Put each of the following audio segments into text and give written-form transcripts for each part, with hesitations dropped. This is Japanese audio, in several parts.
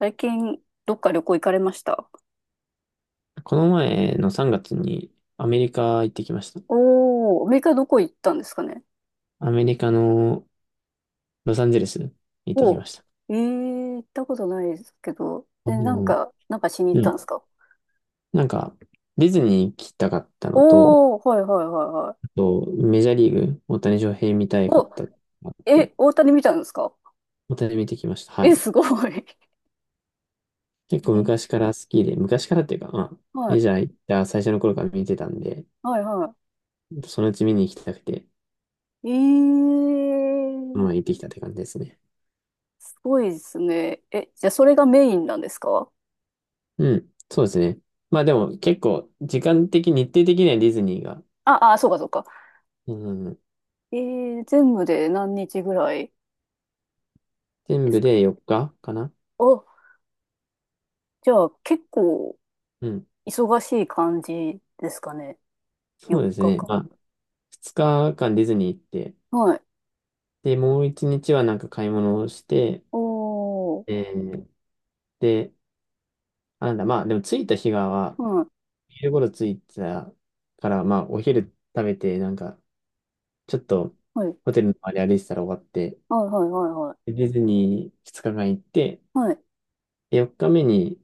最近、どっか旅行行かれました？この前の3月にアメリカ行ってきました。おー、アメリカどこ行ったんですかね？アメリカのロサンゼルス行ってきおー、ました。行ったことないですけど、あなんの、か、なんかしに行っうたんでん。すか？なんか、ディズニー行きたかったのと、おー、はいはいはいはあい。と、メジャーリーグ、大谷翔平見たいかっお、たのがあって、え、大谷見たんですか？大谷見てきました。はえ、い。すごい。結構昔から好きで、昔からっていうか、まあ、メジえャー行った最初の頃から見てたんで、はいはいはそのうち見に行きたくて、い。まあ行ってきたって感じですね。すごいですね。え、じゃあそれがメインなんですか？うん。そうですね。まあでも結構、時間的、日程的にはディズニーが、あ、あ、そうかそうか。うん、全部で何日ぐらい全です部か？で4日かかな。あ、じゃあ結構、うん。忙しい感じですかね。そうで4すね。日間。まあ、2日間ディズニー行って、はい。で、もう1日はなんか買い物をして、おー。えーで、あ、なんだ、まあ、でも着いた日がは、はい。昼頃着いたから、まあ、お昼食べて、なんか、ちょっと、はい。ホテルの周り歩いてたら終わって、はいはいはいでディズニー2日間行って、はい。はい。で、4日目に、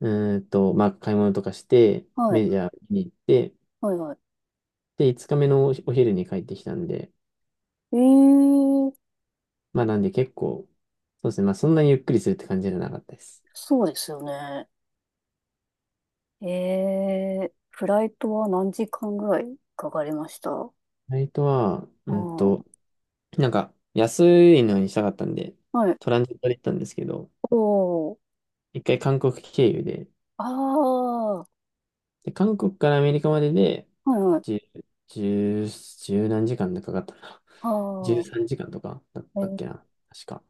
まあ、買い物とかして、はいメジャー見に行って、はいはで、5日目のお昼に帰ってきたんで、い。まあなんで結構、そうですね。まあそんなにゆっくりするって感じじゃなかったです。そうですよね。フライトは何時間ぐらいかかりました？うフライトは、ん。はなんか安いのにしたかったんで、い。トランジットで行ったんですけど、おー。一回韓国経由で、あー。で、韓国からアメリカまでで、はいはい。十、十何時間でかかったな。あ 13ー。時間とかだっえたっーけっな。確か。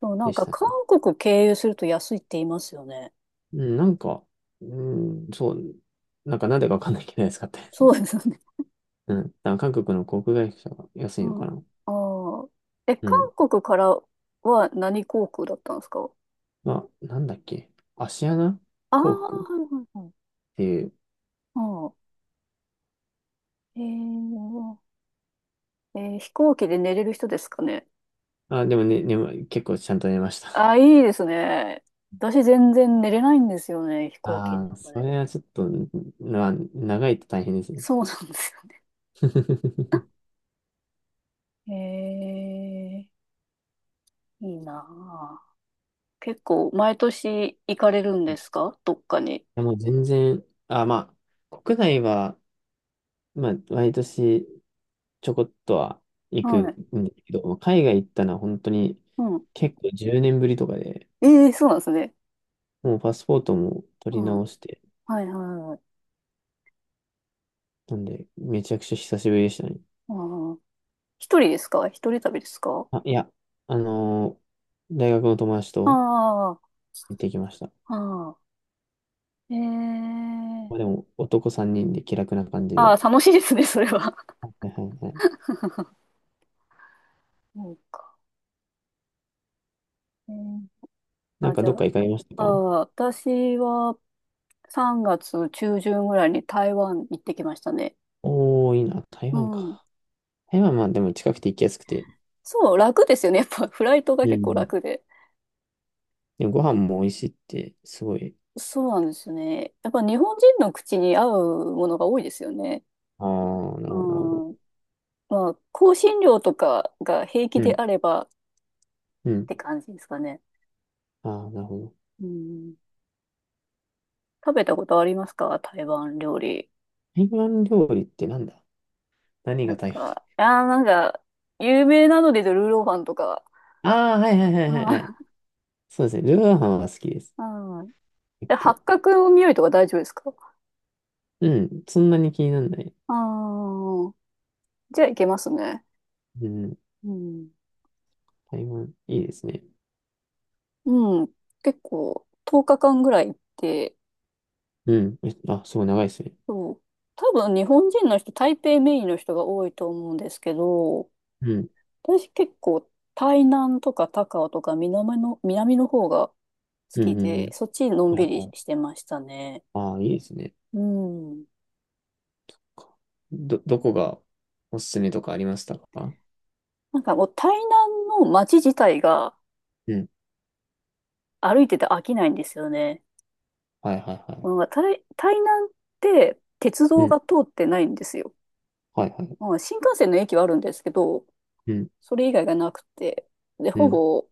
なでんしかた韓ね。国経由すると安いって言いますよね。うん、なんか、うん、そう、なんかなんでかわかんないけど安かったですそね。うです。うん。多分韓国の航空会社が安ういのん。かな。ああ。え、う韓ん。国からは何航空だったんですか？まあ、なんだっけ。芦穴ああー、航は空っいはいはい。ていう。うん。え飛行機で寝れる人ですかね。あ、でもね、結構ちゃんと寝ました。あ あ、いいですね。私全然寝れないんですよね、飛行機あのあ、中そで。れはちょっと、長いと大変ですね。そうなんですよ。いえいいなあ。結構、毎年行かれるんですかどっかに？やもう全然、あ、まあ、国内は、まあ、毎年ちょこっとは行くはんい。ですけど、海外行ったのは本当にうん。結構10年ぶりとかで、ええ、そうなんですね。もうパスポートもう取り直ん。して、はいはいはい。なんで、めちゃくちゃ久しぶりでしたね。うん。一人ですか？一人旅ですか？あ、いや、あのー大学の友達あと、あ、行ってきました。ああ、えまあでえ。も、男3人で気楽な感じああ、で。楽しいですね、それは。はいはいはい。そうか。えーなんあ、かじゃどっかあ、行かれましたああ、か？私は3月中旬ぐらいに台湾行ってきましたね。おー、いいな。台う湾ん。か。台湾はまあでも近くて行きやすくて。そう、楽ですよね。やっぱフライトがう結構ん。楽で。でもご飯も美味しいって、すごい。そうなんですよね。やっぱ日本人の口に合うものが多いですよね。あー、なうるほど、なるほど。ん。まあ、香辛料とかが平気うでん、あればっうん。て感じですかね。ああ、なるほど。うん。食べたことありますか台湾料理？台湾料理ってなんだ？何ながん台湾？か、いやーなんか、有名なのでルーローファンとか。あー、はいはいはいはいはい。そうですね。ルーローハンは好きです。うん。うん。結で、八構。角の匂いとか大丈夫ですか？うん。そんなに気にならない。ああ、じゃあいけますね。うん。うん。台湾、いいですね。うん。結構、10日間ぐらい行って、うん。すごい長いですね。そう。多分日本人の人、台北メインの人が多いと思うんですけど、うん。私結構台南とか高雄とか南の方が好うきんうんうで、ん。そっちのんはびいりはい。してましたね。ああ、いいですね。うん。どこがおすすめとかありましたか？なんかもう台南の街自体がうん。歩いてて飽きないんですよね。はいはいはなんか台南って鉄い。う道がん。通ってないんですよ。はいはい。まあ、新幹線の駅はあるんですけど、うん。それ以外がなくて、で、うほん。ぼ、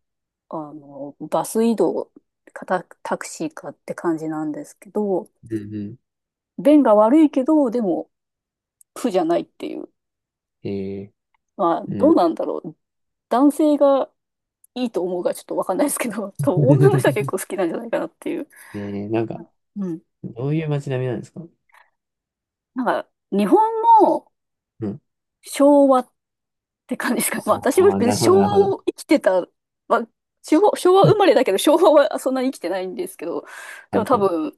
あの、バス移動かタクシーかって感じなんですけど、うん。う便が悪いけど、でも苦じゃないっていう。ん。まあ、うどうん。なんだろう。男性がいいと思うかちょっとわかんないですけど、多分女の人は結 構好きなんじゃないかなっていう。なんか、うん。どういう街並みなんですか？なんか、日本もうん。昭和って感じですかね。まあ、私もああ、別になるほ昭ど、なる和ほど。を生きてた、まあ、昭和う生ん まれだけど、昭和はそんなに生きてないんですけど、はでもい多はい。分、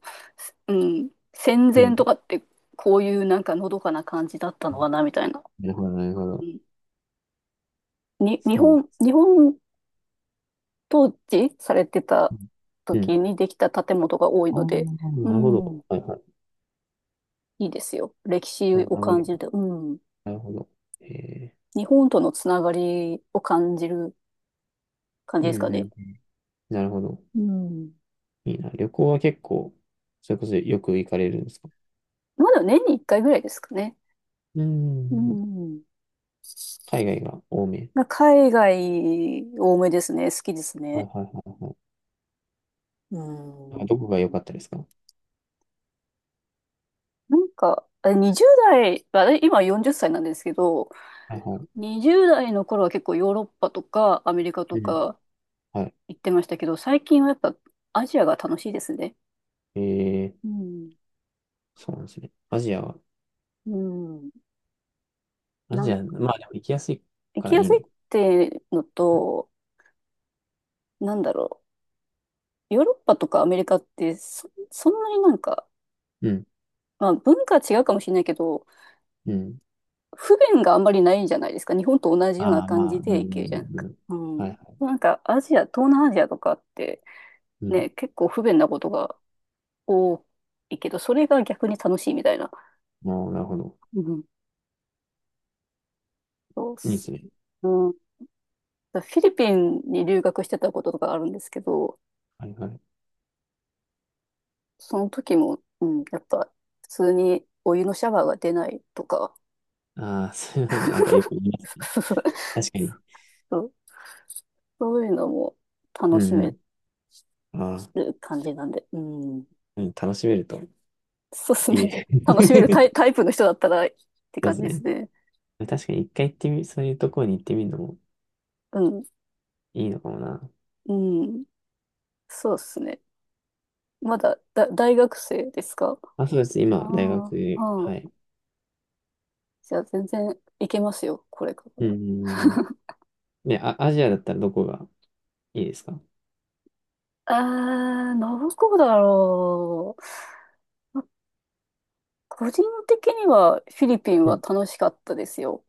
うん、戦う前とん。かってこういうなんかのどかな感じだったのかな、みたいな。なるほど、なるうほど。んに、日そう。本、日本統治されてたうん。うん。時にできた建物が多いああ、ので、うなるほん、ど。はいはい。いいですよ。歴史名を感じる残。と、うん、なるほど。ええ。日本とのつながりを感じる感じうでんすかうんうね。ん。なるほど。うん。いいな。旅行は結構、それこそよく行かれるんですか？まだ年に1回ぐらいですかね。ううん。ん。海外が多め。まあ海外多めですね。好きですはいね。はいはいはい。うあ、ん。どこが良かったですか？なんか、あれ20代、まあれ今40歳なんですけど、はいは20代の頃は結構ヨーロッパとかアメリカとい。うん。かは行ってましたけど、最近はやっぱアジアが楽しいですね。い。うん。そうなんですね。アジアは、うん。アなジんア、か、まあでも行きやすい行かきらいやいすいっのか。てのと、なんだろう。ヨーロッパとかアメリカってそんなになんか、うん。まあ文化は違うかもしれないけど、うん。不便があんまりないじゃないですか。日本と同じようなああ、感まじあ、うでん、う行けるじゃないですん、か。うん。うはいん。はなんかアジア、東南アジアとかってい。うん。ね、結構不便なことが多いけど、それが逆に楽しいみたいな。もう、なるほど。うん。そうっいいです。すね。うん。フィリピンに留学してたこととかあるんですけど、はいはい。その時も、うん、やっぱ普通にお湯のシャワーが出ないとか、ああ、そういうのなんかよく言 いますね。確かに。そう、そういうのもう楽しめんうん。ああ、る感じなんで、うん。うん、楽しめるとそうですいいね。ね。楽しめるタイ、タイプの人だったらってそう感でじすですね。ね。確かに一回行ってみ、そういうところに行ってみるのもうん。いいのかもな。うん。そうですね。まだ、大学生ですか？あ、そうです。あ今、大あ、学、ああ。はい。じゃあ全然いけますよ、これから。うん。ね、あ、アジアだったらどこがいいですか？ああ、どこだろう。個人的にはフィリピンうはん。楽しかったですよ。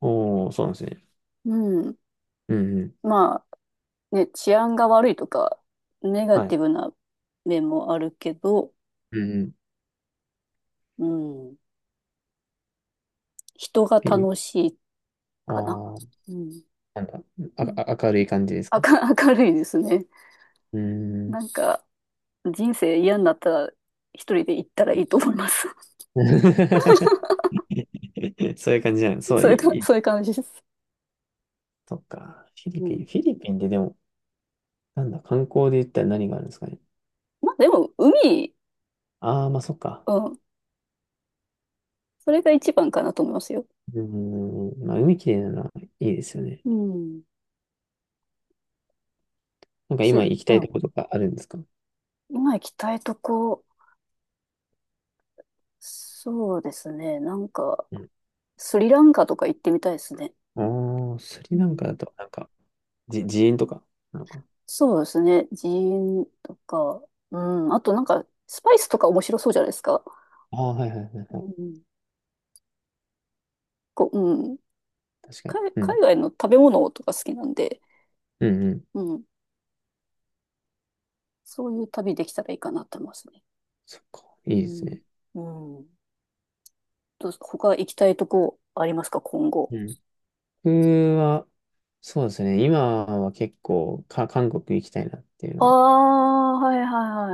おー、そうなんですね。うん。うんうん。まあね、治安が悪いとか、ネガはテい。ィブな面もあるけど、うんうん。うん。人がえ、楽しいあかな。ー、うん。なんだ。明るい感じですか？明るいですね。うん。なんか、人生嫌になったら、一人で行ったらいいと思います。そういう感じじゃん。そう、そういいうか、い、いい。そういう感じです。そっか。フィリうピン、ん。フィリピンってでも、なんだ、観光で言ったら何があるんですかね。まあ、でも、海、ああ、まあそっか。うん。それが一番かなと思いますよ。うん。まあ、海きれいなのはいいですよね。うん。なんか今行きうたいとん。ことかあるんですか？今行きたいとこ、そうですね。なんか、うん。スリランカとか行ってみたいですね。ああ、スうリランカん。だと、なんか、自演とかなのかな。そうですね。寺院とか、うん。あとなんか、スパイスとか面白そうじゃないですか。ああ、はいはいはいはうい。ん。こう、うん。確かに。海、う海ん。外の食べ物とか好きなんで、うんうん。うん。そういう旅できたらいいかなと思いますね。そっか。ういいですん。ね。うん。どうす他行きたいとこありますか、今後？うん。僕は、そうですね。今は結構韓国行きたいなっていうあのを、あ、はいはい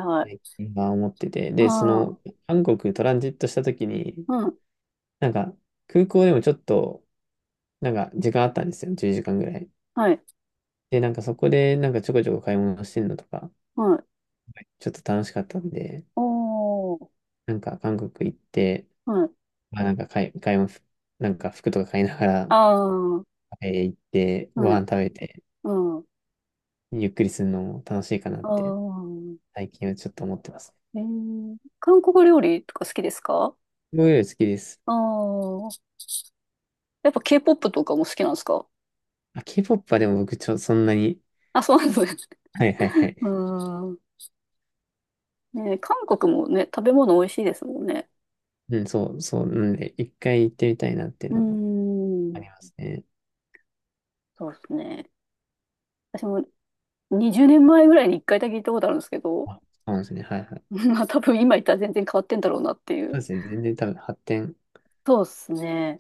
はいはい。ね今思ってて。で、そああ、の、韓国トランジットした時に、うん。なんか、空港でもちょっと、なんか、時間あったんですよ。10時間ぐらい。はい。で、なんかそこで、なんかちょこちょこ買い物してるのとか、はい。ちょっと楽しかったんで、おー。なんか韓国行って、はい。まあなんか買い物、なんか服とか買いながあら、あ、は行って、ご飯い。食べて、うん。ゆっくりするのも楽しいかなっあて、あ。最近はちょっと思ってます。韓国料理とか好きですか？僕より好きです。ああー。やっぱ K-POP とかも好きなんですか？あ、K-POP はでも僕そんなに、あ、そうなんですね。はいはいはうーい。ん。ね、韓国もね、食べ物美味しいですもんね。うん、そう、そう、なんで、一回行ってみたいなっていううーのはあん。りますね。そうですね。私も20年前ぐらいに1回だけ行ったことあるんですけど、あ、そうなんですね。はいはい。まあ多分今行ったら全然変わってんだろうなっていそうう。ですね。全然多分発展。そうですね。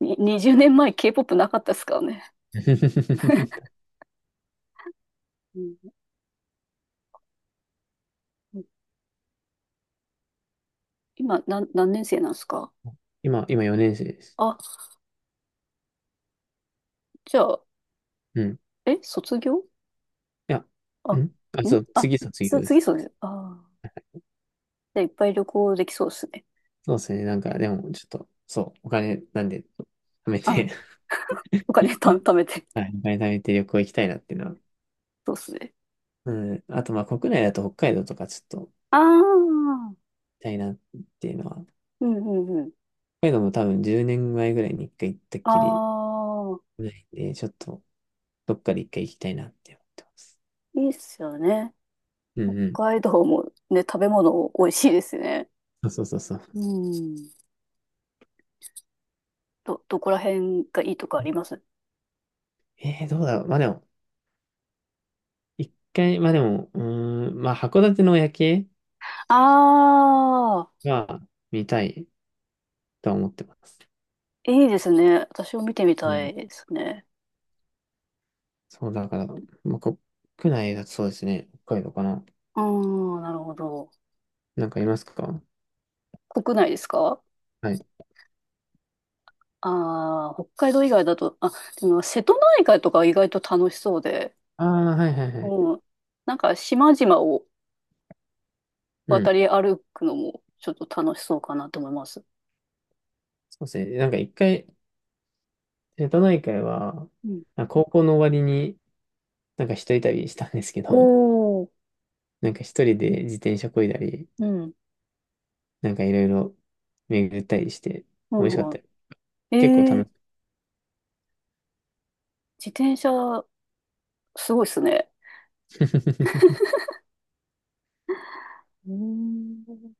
に20年前 K-POP なかったですからね。うん。今何年生なんですか？今、4年生です。あ、じゃあ、うん。い卒業、や、あ、うん。あ、んそう、あ、次卒業で次す。そうです。ああ。じゃあいっぱい旅行できそうですね。そうですね。なんか、ねでも、ちょっと、そう、お金なんで、貯めあ、て お金 貯めて。はい、お金貯めて旅行行きたいなっていうのはそうですね。うん。あと、まあ、国内だと北海道とかちょっと行ああ、うんきたいなっていうのは、うんうん。北海道も多分10年前ぐらいに一回行ったっあきりあ、ないんで、ちょっとどっかで一回行きたいなって思ってます。いいっすよね。うんうん。北海道もね、食べ物美味しいですね。そうそうそうそう。うん。どこら辺がいいとかあります？どうだろう。まあでも、一回、まあでも、うーん、まあ函館の夜景ああは見たいとは思ってます。ー、いいですね。私も見てみうたん。いですね。そうだから、まあ国内だとそうですね。北海道かな。うーん、なるほど。なんかいますか？国内ですか？はい。ああー、北海道以外だと、あ、でも瀬戸内海とか意外と楽しそうで、ああ、はいはいはい。うん。なんか島々をう渡ん。り歩くのもちょっと楽しそうかなと思います。そうですね。なんか一回、瀬戸内海は、うん。あ高校の終わりになんか一人旅したんですけおど、お、なんか一人で自転車漕いだり、うん。なんかいろいろ巡ったりして、う美味しかっん、うたん。よ。え結構え楽しー、い。自転車、すごいっすね。うーん